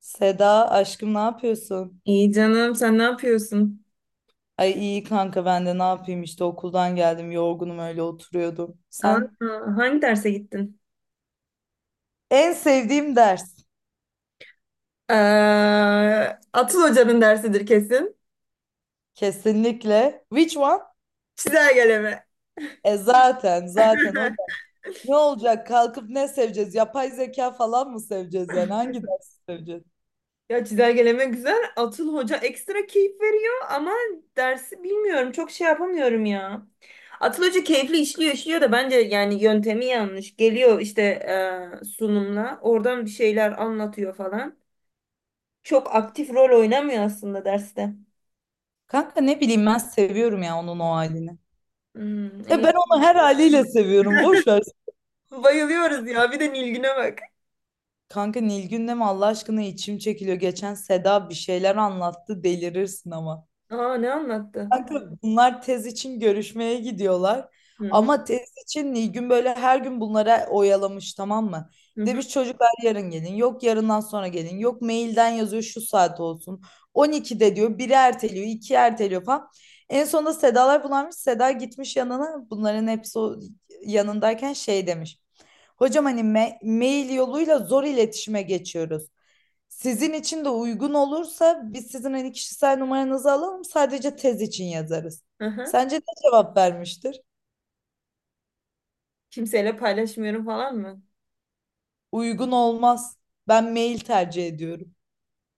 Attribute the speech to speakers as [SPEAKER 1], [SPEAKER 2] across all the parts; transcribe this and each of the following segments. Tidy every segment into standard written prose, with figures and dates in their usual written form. [SPEAKER 1] Seda aşkım ne yapıyorsun?
[SPEAKER 2] İyi canım sen ne yapıyorsun?
[SPEAKER 1] Ay iyi kanka ben de ne yapayım işte okuldan geldim yorgunum öyle oturuyordum.
[SPEAKER 2] Aa,
[SPEAKER 1] Sen?
[SPEAKER 2] hangi derse gittin?
[SPEAKER 1] En sevdiğim ders
[SPEAKER 2] Ee, Atıl Hoca'nın dersidir kesin.
[SPEAKER 1] kesinlikle. Which one?
[SPEAKER 2] Çizelgeleme.
[SPEAKER 1] E zaten hocam. Ne olacak kalkıp ne seveceğiz? Yapay zeka falan mı seveceğiz yani? Hangi dersi seveceğiz?
[SPEAKER 2] Ya çizelgeleme güzel. Atıl Hoca ekstra keyif veriyor ama dersi bilmiyorum. Çok şey yapamıyorum ya. Atıl Hoca keyifli işliyor da bence yani yöntemi yanlış. Geliyor işte sunumla. Oradan bir şeyler anlatıyor falan. Çok aktif rol oynamıyor aslında derste.
[SPEAKER 1] Kanka ne bileyim ben seviyorum ya onun o halini.
[SPEAKER 2] Hmm,
[SPEAKER 1] E
[SPEAKER 2] iyi.
[SPEAKER 1] ben onu her haliyle seviyorum boş ver.
[SPEAKER 2] Bayılıyoruz ya. Bir de Nilgün'e bak.
[SPEAKER 1] Kanka Nilgün'le mi Allah aşkına içim çekiliyor. Geçen Seda bir şeyler anlattı delirirsin ama.
[SPEAKER 2] Aa, ne anlattı?
[SPEAKER 1] Kanka bunlar tez için görüşmeye gidiyorlar.
[SPEAKER 2] Hı hı,
[SPEAKER 1] Ama tez için Nilgün böyle her gün bunlara oyalamış tamam mı?
[SPEAKER 2] hı hı.
[SPEAKER 1] Demiş çocuklar yarın gelin. Yok yarından sonra gelin. Yok mailden yazıyor şu saat olsun. 12'de diyor. Biri erteliyor. İki erteliyor falan. En sonunda Sedalar bulanmış. Seda gitmiş yanına. Bunların hepsi o yanındayken şey demiş. Hocam hani mail yoluyla zor iletişime geçiyoruz. Sizin için de uygun olursa biz sizin hani kişisel numaranızı alalım sadece tez için yazarız.
[SPEAKER 2] Hı hı.
[SPEAKER 1] Sence ne cevap vermiştir?
[SPEAKER 2] Kimseyle paylaşmıyorum falan mı?
[SPEAKER 1] Uygun olmaz. Ben mail tercih ediyorum.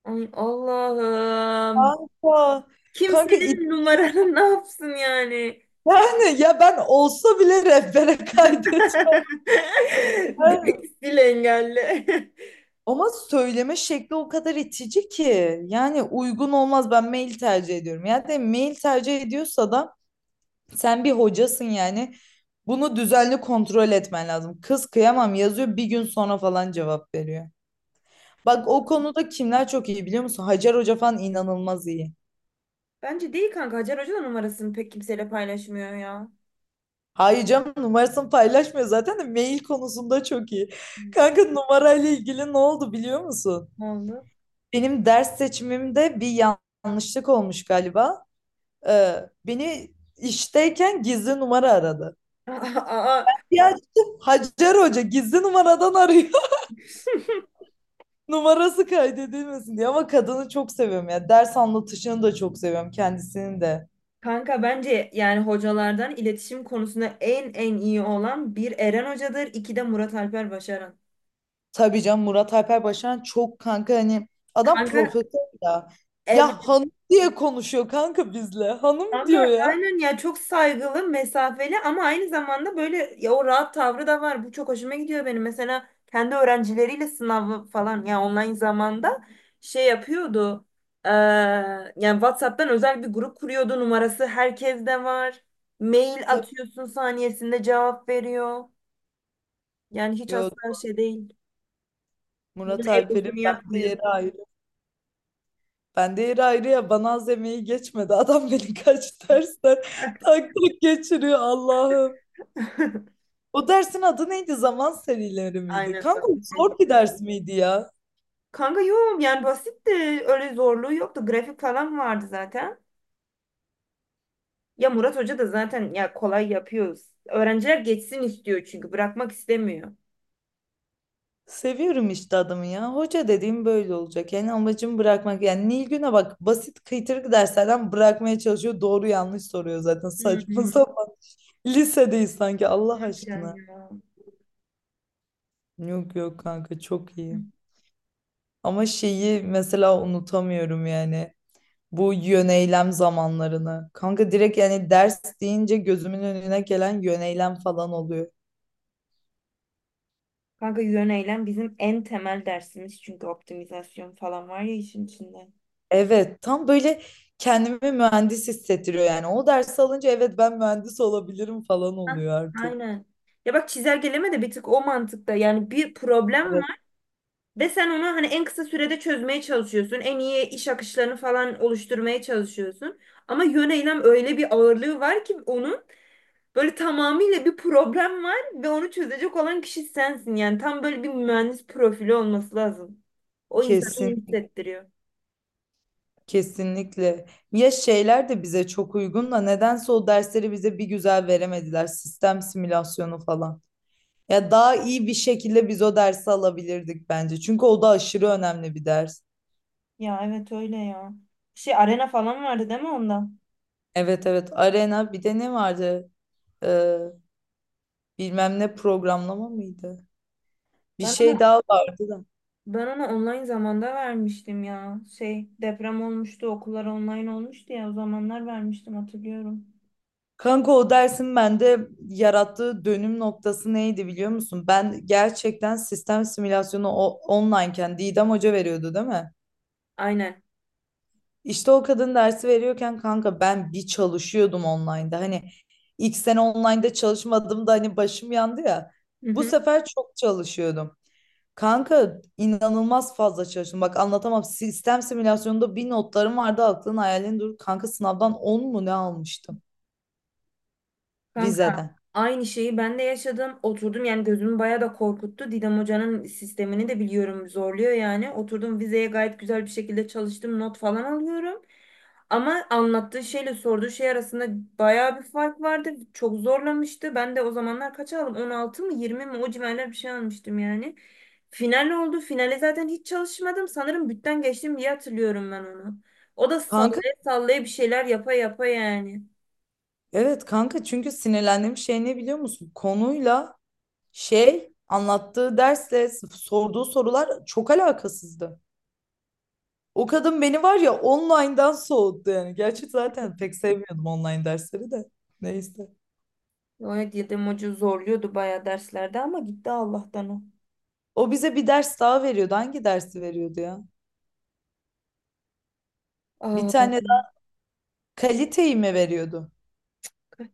[SPEAKER 2] Ay Allah'ım.
[SPEAKER 1] Kanka, kanka,
[SPEAKER 2] Kimsenin numaranı ne yapsın yani?
[SPEAKER 1] yani ya ben olsa bile rehbere kaydetmem.
[SPEAKER 2] Direkt sil engelli.
[SPEAKER 1] Ama söyleme şekli o kadar itici ki. Yani uygun olmaz ben mail tercih ediyorum. Yani de mail tercih ediyorsa da sen bir hocasın yani. Bunu düzenli kontrol etmen lazım. Kız kıyamam yazıyor bir gün sonra falan cevap veriyor.
[SPEAKER 2] Ya,
[SPEAKER 1] Bak o konuda kimler çok iyi biliyor musun? Hacer Hoca falan inanılmaz iyi.
[SPEAKER 2] bence değil kanka. Hacer Hoca da numarasını pek kimseyle paylaşmıyor ya.
[SPEAKER 1] Hayır canım numarasını paylaşmıyor zaten de mail konusunda çok iyi. Kanka numarayla ilgili ne oldu biliyor musun?
[SPEAKER 2] Ne oldu?
[SPEAKER 1] Benim ders seçimimde bir yanlışlık olmuş galiba. Ee, beni işteyken gizli numara aradı.
[SPEAKER 2] Aa, aa.
[SPEAKER 1] Ya Hacer Hoca gizli numaradan arıyor. Numarası kaydedilmesin diye ama kadını çok seviyorum ya. Ders anlatışını da çok seviyorum kendisini de.
[SPEAKER 2] Kanka bence yani hocalardan iletişim konusunda en iyi olan bir Eren Hoca'dır, iki de Murat Alper Başaran.
[SPEAKER 1] Tabii canım Murat Alper Başaran çok kanka hani adam
[SPEAKER 2] Kanka
[SPEAKER 1] profesör ya.
[SPEAKER 2] ev
[SPEAKER 1] Ya hanım diye konuşuyor kanka bizle. Hanım
[SPEAKER 2] Kanka
[SPEAKER 1] diyor ya.
[SPEAKER 2] aynen ya, çok saygılı, mesafeli ama aynı zamanda böyle ya o rahat tavrı da var. Bu çok hoşuma gidiyor benim. Mesela kendi öğrencileriyle sınavı falan ya, online zamanda şey yapıyordu. Eee, yani WhatsApp'tan özel bir grup kuruyordu. Numarası herkeste var. Mail
[SPEAKER 1] Tabii,
[SPEAKER 2] atıyorsun, saniyesinde cevap veriyor. Yani hiç
[SPEAKER 1] yok.
[SPEAKER 2] asla şey değil. Bunun
[SPEAKER 1] Murat Alper'in
[SPEAKER 2] egosunu
[SPEAKER 1] bende
[SPEAKER 2] yapmıyor.
[SPEAKER 1] yeri ayrı. Bende yeri ayrı ya bana az emeği geçmedi. Adam beni kaç dersten tak tak geçiriyor Allah'ım. O dersin adı neydi? Zaman serileri miydi?
[SPEAKER 2] Aynen
[SPEAKER 1] Kanka
[SPEAKER 2] zaten.
[SPEAKER 1] zor bir ders miydi ya?
[SPEAKER 2] Kanka yok, yani basitti. Öyle zorluğu yoktu. Grafik falan vardı zaten. Ya Murat Hoca da zaten ya, kolay yapıyoruz. Öğrenciler geçsin istiyor çünkü bırakmak istemiyor.
[SPEAKER 1] Seviyorum işte adamı ya. Hoca dediğim böyle olacak. Yani amacım bırakmak. Yani Nilgün'e bak basit kıytırık derslerden bırakmaya çalışıyor. Doğru yanlış soruyor zaten saçma
[SPEAKER 2] Hmm,
[SPEAKER 1] sapan. Lisedeyiz sanki Allah
[SPEAKER 2] harbiden
[SPEAKER 1] aşkına.
[SPEAKER 2] ya.
[SPEAKER 1] Yok yok kanka çok iyi. Ama şeyi mesela unutamıyorum yani. Bu yöneylem zamanlarını. Kanka direkt yani ders deyince gözümün önüne gelen yöneylem falan oluyor.
[SPEAKER 2] Kanka yön eylem bizim en temel dersimiz, çünkü optimizasyon falan var ya işin içinde.
[SPEAKER 1] Evet, tam böyle kendimi mühendis hissettiriyor yani. O dersi alınca evet ben mühendis olabilirim falan
[SPEAKER 2] Ha,
[SPEAKER 1] oluyor artık.
[SPEAKER 2] aynen. Ya bak, çizelgeleme de bir tık o mantıkta. Yani bir problem
[SPEAKER 1] Evet.
[SPEAKER 2] var ve sen onu hani en kısa sürede çözmeye çalışıyorsun. En iyi iş akışlarını falan oluşturmaya çalışıyorsun. Ama yön eylem, öyle bir ağırlığı var ki onun. Böyle tamamıyla bir problem var ve onu çözecek olan kişi sensin. Yani tam böyle bir mühendis profili olması lazım. O, insanı
[SPEAKER 1] Kesin,
[SPEAKER 2] iyi hissettiriyor.
[SPEAKER 1] kesinlikle. Ya şeyler de bize çok uygun da nedense o dersleri bize bir güzel veremediler. Sistem simülasyonu falan. Ya daha iyi bir şekilde biz o dersi alabilirdik bence. Çünkü o da aşırı önemli bir ders.
[SPEAKER 2] Ya evet, öyle ya. Şey, arena falan vardı değil mi onda?
[SPEAKER 1] Evet evet. Arena bir de ne vardı? Ee, bilmem ne programlama mıydı? Bir
[SPEAKER 2] Ben
[SPEAKER 1] şey daha vardı da.
[SPEAKER 2] ben ona online zamanda vermiştim ya. Şey, deprem olmuştu, okullar online olmuştu ya, o zamanlar vermiştim hatırlıyorum.
[SPEAKER 1] Kanka o dersin bende yarattığı dönüm noktası neydi biliyor musun? Ben gerçekten sistem simülasyonu online'ken Didem Hoca veriyordu değil mi?
[SPEAKER 2] Aynen.
[SPEAKER 1] İşte o kadın dersi veriyorken kanka ben bir çalışıyordum online'da. Hani ilk sene online'da çalışmadım da hani başım yandı ya.
[SPEAKER 2] Hı
[SPEAKER 1] Bu
[SPEAKER 2] hı.
[SPEAKER 1] sefer çok çalışıyordum. Kanka inanılmaz fazla çalıştım. Bak anlatamam. Sistem simülasyonunda bir notlarım vardı aklın hayalin dur. Kanka sınavdan 10 mu ne almıştım
[SPEAKER 2] Kanka
[SPEAKER 1] vizeden.
[SPEAKER 2] aynı şeyi ben de yaşadım. Oturdum, yani gözümü bayağı da korkuttu. Didem Hoca'nın sistemini de biliyorum, zorluyor yani. Oturdum vizeye, gayet güzel bir şekilde çalıştım. Not falan alıyorum. Ama anlattığı şeyle sorduğu şey arasında bayağı bir fark vardı. Çok zorlamıştı. Ben de o zamanlar kaç aldım? 16 mı 20 mi, o civarlar bir şey almıştım yani. Final oldu. Finale zaten hiç çalışmadım. Sanırım bütten geçtim diye hatırlıyorum ben onu. O da
[SPEAKER 1] Kanka
[SPEAKER 2] sallaya sallaya, bir şeyler yapa yapa yani.
[SPEAKER 1] evet kanka çünkü sinirlendiğim şey ne biliyor musun? Konuyla şey anlattığı dersle sorduğu sorular çok alakasızdı. O kadın beni var ya online'dan soğuttu yani. Gerçi zaten pek sevmiyordum online dersleri de. Neyse.
[SPEAKER 2] Evet, Yedem Hoca zorluyordu bayağı derslerde ama gitti Allah'tan o.
[SPEAKER 1] O bize bir ders daha veriyordu. Hangi dersi veriyordu ya? Bir
[SPEAKER 2] Aa,
[SPEAKER 1] tane daha kaliteyi mi veriyordu?
[SPEAKER 2] kaç-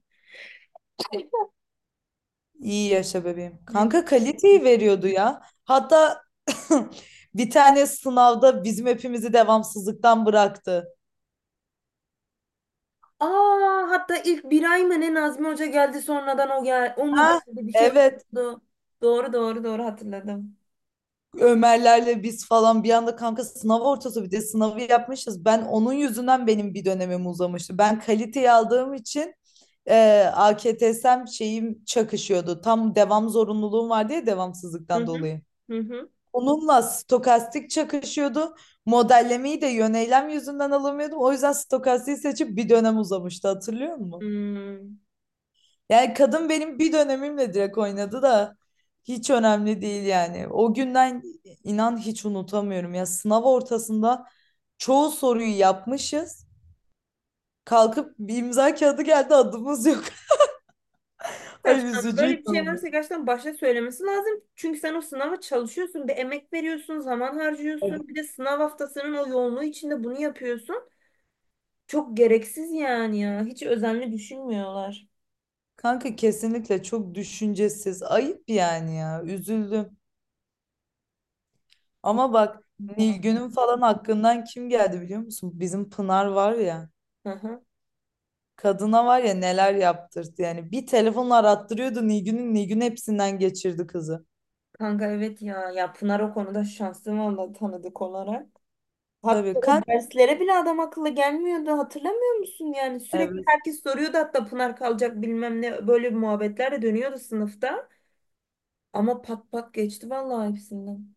[SPEAKER 1] İyi yaşa bebeğim.
[SPEAKER 2] ne?
[SPEAKER 1] Kanka kaliteyi veriyordu ya. Hatta bir tane sınavda bizim hepimizi devamsızlıktan bıraktı.
[SPEAKER 2] Aa, hatta ilk bir ay mı ne Nazmi Hoca geldi sonradan, o mu
[SPEAKER 1] Ha?
[SPEAKER 2] geldi bir şey
[SPEAKER 1] Evet.
[SPEAKER 2] oldu. Doğru doğru doğru, hatırladım.
[SPEAKER 1] Ömerlerle biz falan bir anda kanka sınav ortası bir de sınavı yapmışız. Ben onun yüzünden benim bir dönemim uzamıştı. Ben kaliteyi aldığım için AKTS'm şeyim çakışıyordu. Tam devam zorunluluğum vardı ya
[SPEAKER 2] Hı
[SPEAKER 1] devamsızlıktan
[SPEAKER 2] hı.
[SPEAKER 1] dolayı.
[SPEAKER 2] Hı hı.
[SPEAKER 1] Onunla stokastik çakışıyordu. Modellemeyi de yöneylem yüzünden alamıyordum. O yüzden stokastiği seçip bir dönem uzamıştı hatırlıyor musun?
[SPEAKER 2] Hmm.
[SPEAKER 1] Yani kadın benim bir dönemimle direkt oynadı da hiç önemli değil yani. O günden inan hiç unutamıyorum ya. Sınav ortasında çoğu soruyu yapmışız. Kalkıp bir imza kağıdı geldi adımız yok. Ay
[SPEAKER 2] Saçmalama. Böyle
[SPEAKER 1] üzücüydü
[SPEAKER 2] bir şey
[SPEAKER 1] ama.
[SPEAKER 2] varsa gerçekten başta söylemesi lazım. Çünkü sen o sınava çalışıyorsun, bir emek veriyorsun, zaman harcıyorsun. Bir de sınav haftasının o yoğunluğu içinde bunu yapıyorsun. Çok gereksiz yani ya. Hiç özenli düşünmüyorlar.
[SPEAKER 1] Kanka kesinlikle çok düşüncesiz. Ayıp yani ya. Üzüldüm. Ama bak Nilgün'ün falan hakkından kim geldi biliyor musun? Bizim Pınar var ya.
[SPEAKER 2] Hı hı.
[SPEAKER 1] Kadına var ya neler yaptırdı yani. Bir telefonla arattırıyordu Nilgün'ün. Nilgün hepsinden geçirdi kızı.
[SPEAKER 2] Kanka evet ya. Ya Pınar o konuda şanslı valla, tanıdık olarak. Hatta
[SPEAKER 1] Tabii
[SPEAKER 2] o
[SPEAKER 1] kanka,
[SPEAKER 2] derslere bile adam akıllı gelmiyordu. Hatırlamıyor musun yani? Sürekli
[SPEAKER 1] evet.
[SPEAKER 2] herkes soruyordu, hatta Pınar kalacak bilmem ne. Böyle bir muhabbetler de dönüyordu sınıfta. Ama pat pat geçti vallahi hepsinden.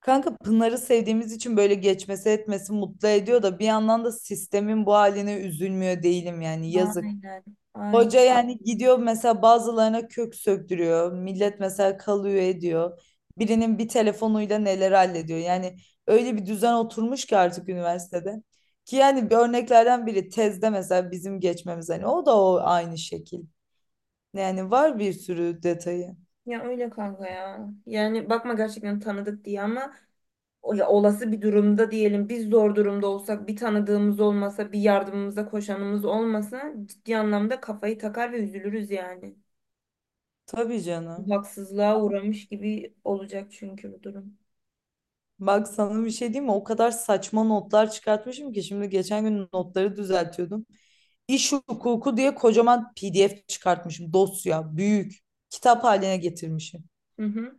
[SPEAKER 1] Kanka Pınar'ı sevdiğimiz için böyle geçmesi etmesi mutlu ediyor da bir yandan da sistemin bu haline üzülmüyor değilim yani yazık.
[SPEAKER 2] Aynen. Aynen.
[SPEAKER 1] Hoca yani gidiyor mesela bazılarına kök söktürüyor. Millet mesela kalıyor ediyor. Birinin bir telefonuyla neler hallediyor. Yani öyle bir düzen oturmuş ki artık üniversitede. Ki yani bir örneklerden biri tezde mesela bizim geçmemiz hani o da o aynı şekil. Yani var bir sürü detayı.
[SPEAKER 2] Ya öyle kanka ya. Yani bakma gerçekten tanıdık diye, ama ya, olası bir durumda diyelim biz zor durumda olsak, bir tanıdığımız olmasa, bir yardımımıza koşanımız olmasa, ciddi anlamda kafayı takar ve üzülürüz yani.
[SPEAKER 1] Tabii canım.
[SPEAKER 2] Haksızlığa uğramış gibi olacak çünkü bu durum.
[SPEAKER 1] Bak sana bir şey diyeyim mi? O kadar saçma notlar çıkartmışım ki şimdi geçen gün notları düzeltiyordum. İş hukuku diye kocaman PDF çıkartmışım. Dosya, büyük. Kitap haline getirmişim.
[SPEAKER 2] Hı hı.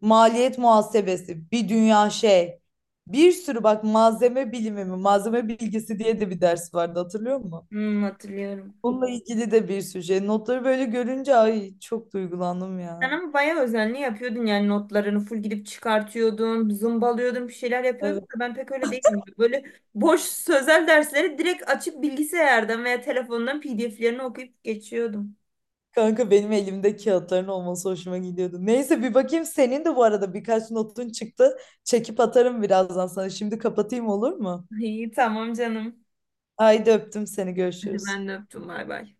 [SPEAKER 1] Maliyet muhasebesi, bir dünya şey. Bir sürü bak malzeme bilimi mi, malzeme bilgisi diye de bir ders vardı hatırlıyor musun?
[SPEAKER 2] Hmm, hatırlıyorum.
[SPEAKER 1] Bununla ilgili de bir sürü şey. Notları böyle görünce ay çok duygulandım
[SPEAKER 2] Sen
[SPEAKER 1] ya.
[SPEAKER 2] ama bayağı özenli yapıyordun yani, notlarını full gidip çıkartıyordun, zımbalıyordun, bir şeyler yapıyordun
[SPEAKER 1] Evet.
[SPEAKER 2] da ben pek öyle değilim. Böyle boş sözel dersleri direkt açıp bilgisayardan veya telefondan PDF'lerini okuyup geçiyordum.
[SPEAKER 1] Kanka benim elimde kağıtların olması hoşuma gidiyordu. Neyse bir bakayım senin de bu arada birkaç notun çıktı. Çekip atarım birazdan sana. Şimdi kapatayım olur mu?
[SPEAKER 2] İyi, tamam canım.
[SPEAKER 1] Haydi öptüm seni
[SPEAKER 2] Hadi
[SPEAKER 1] görüşürüz.
[SPEAKER 2] ben de öptüm, bay bay.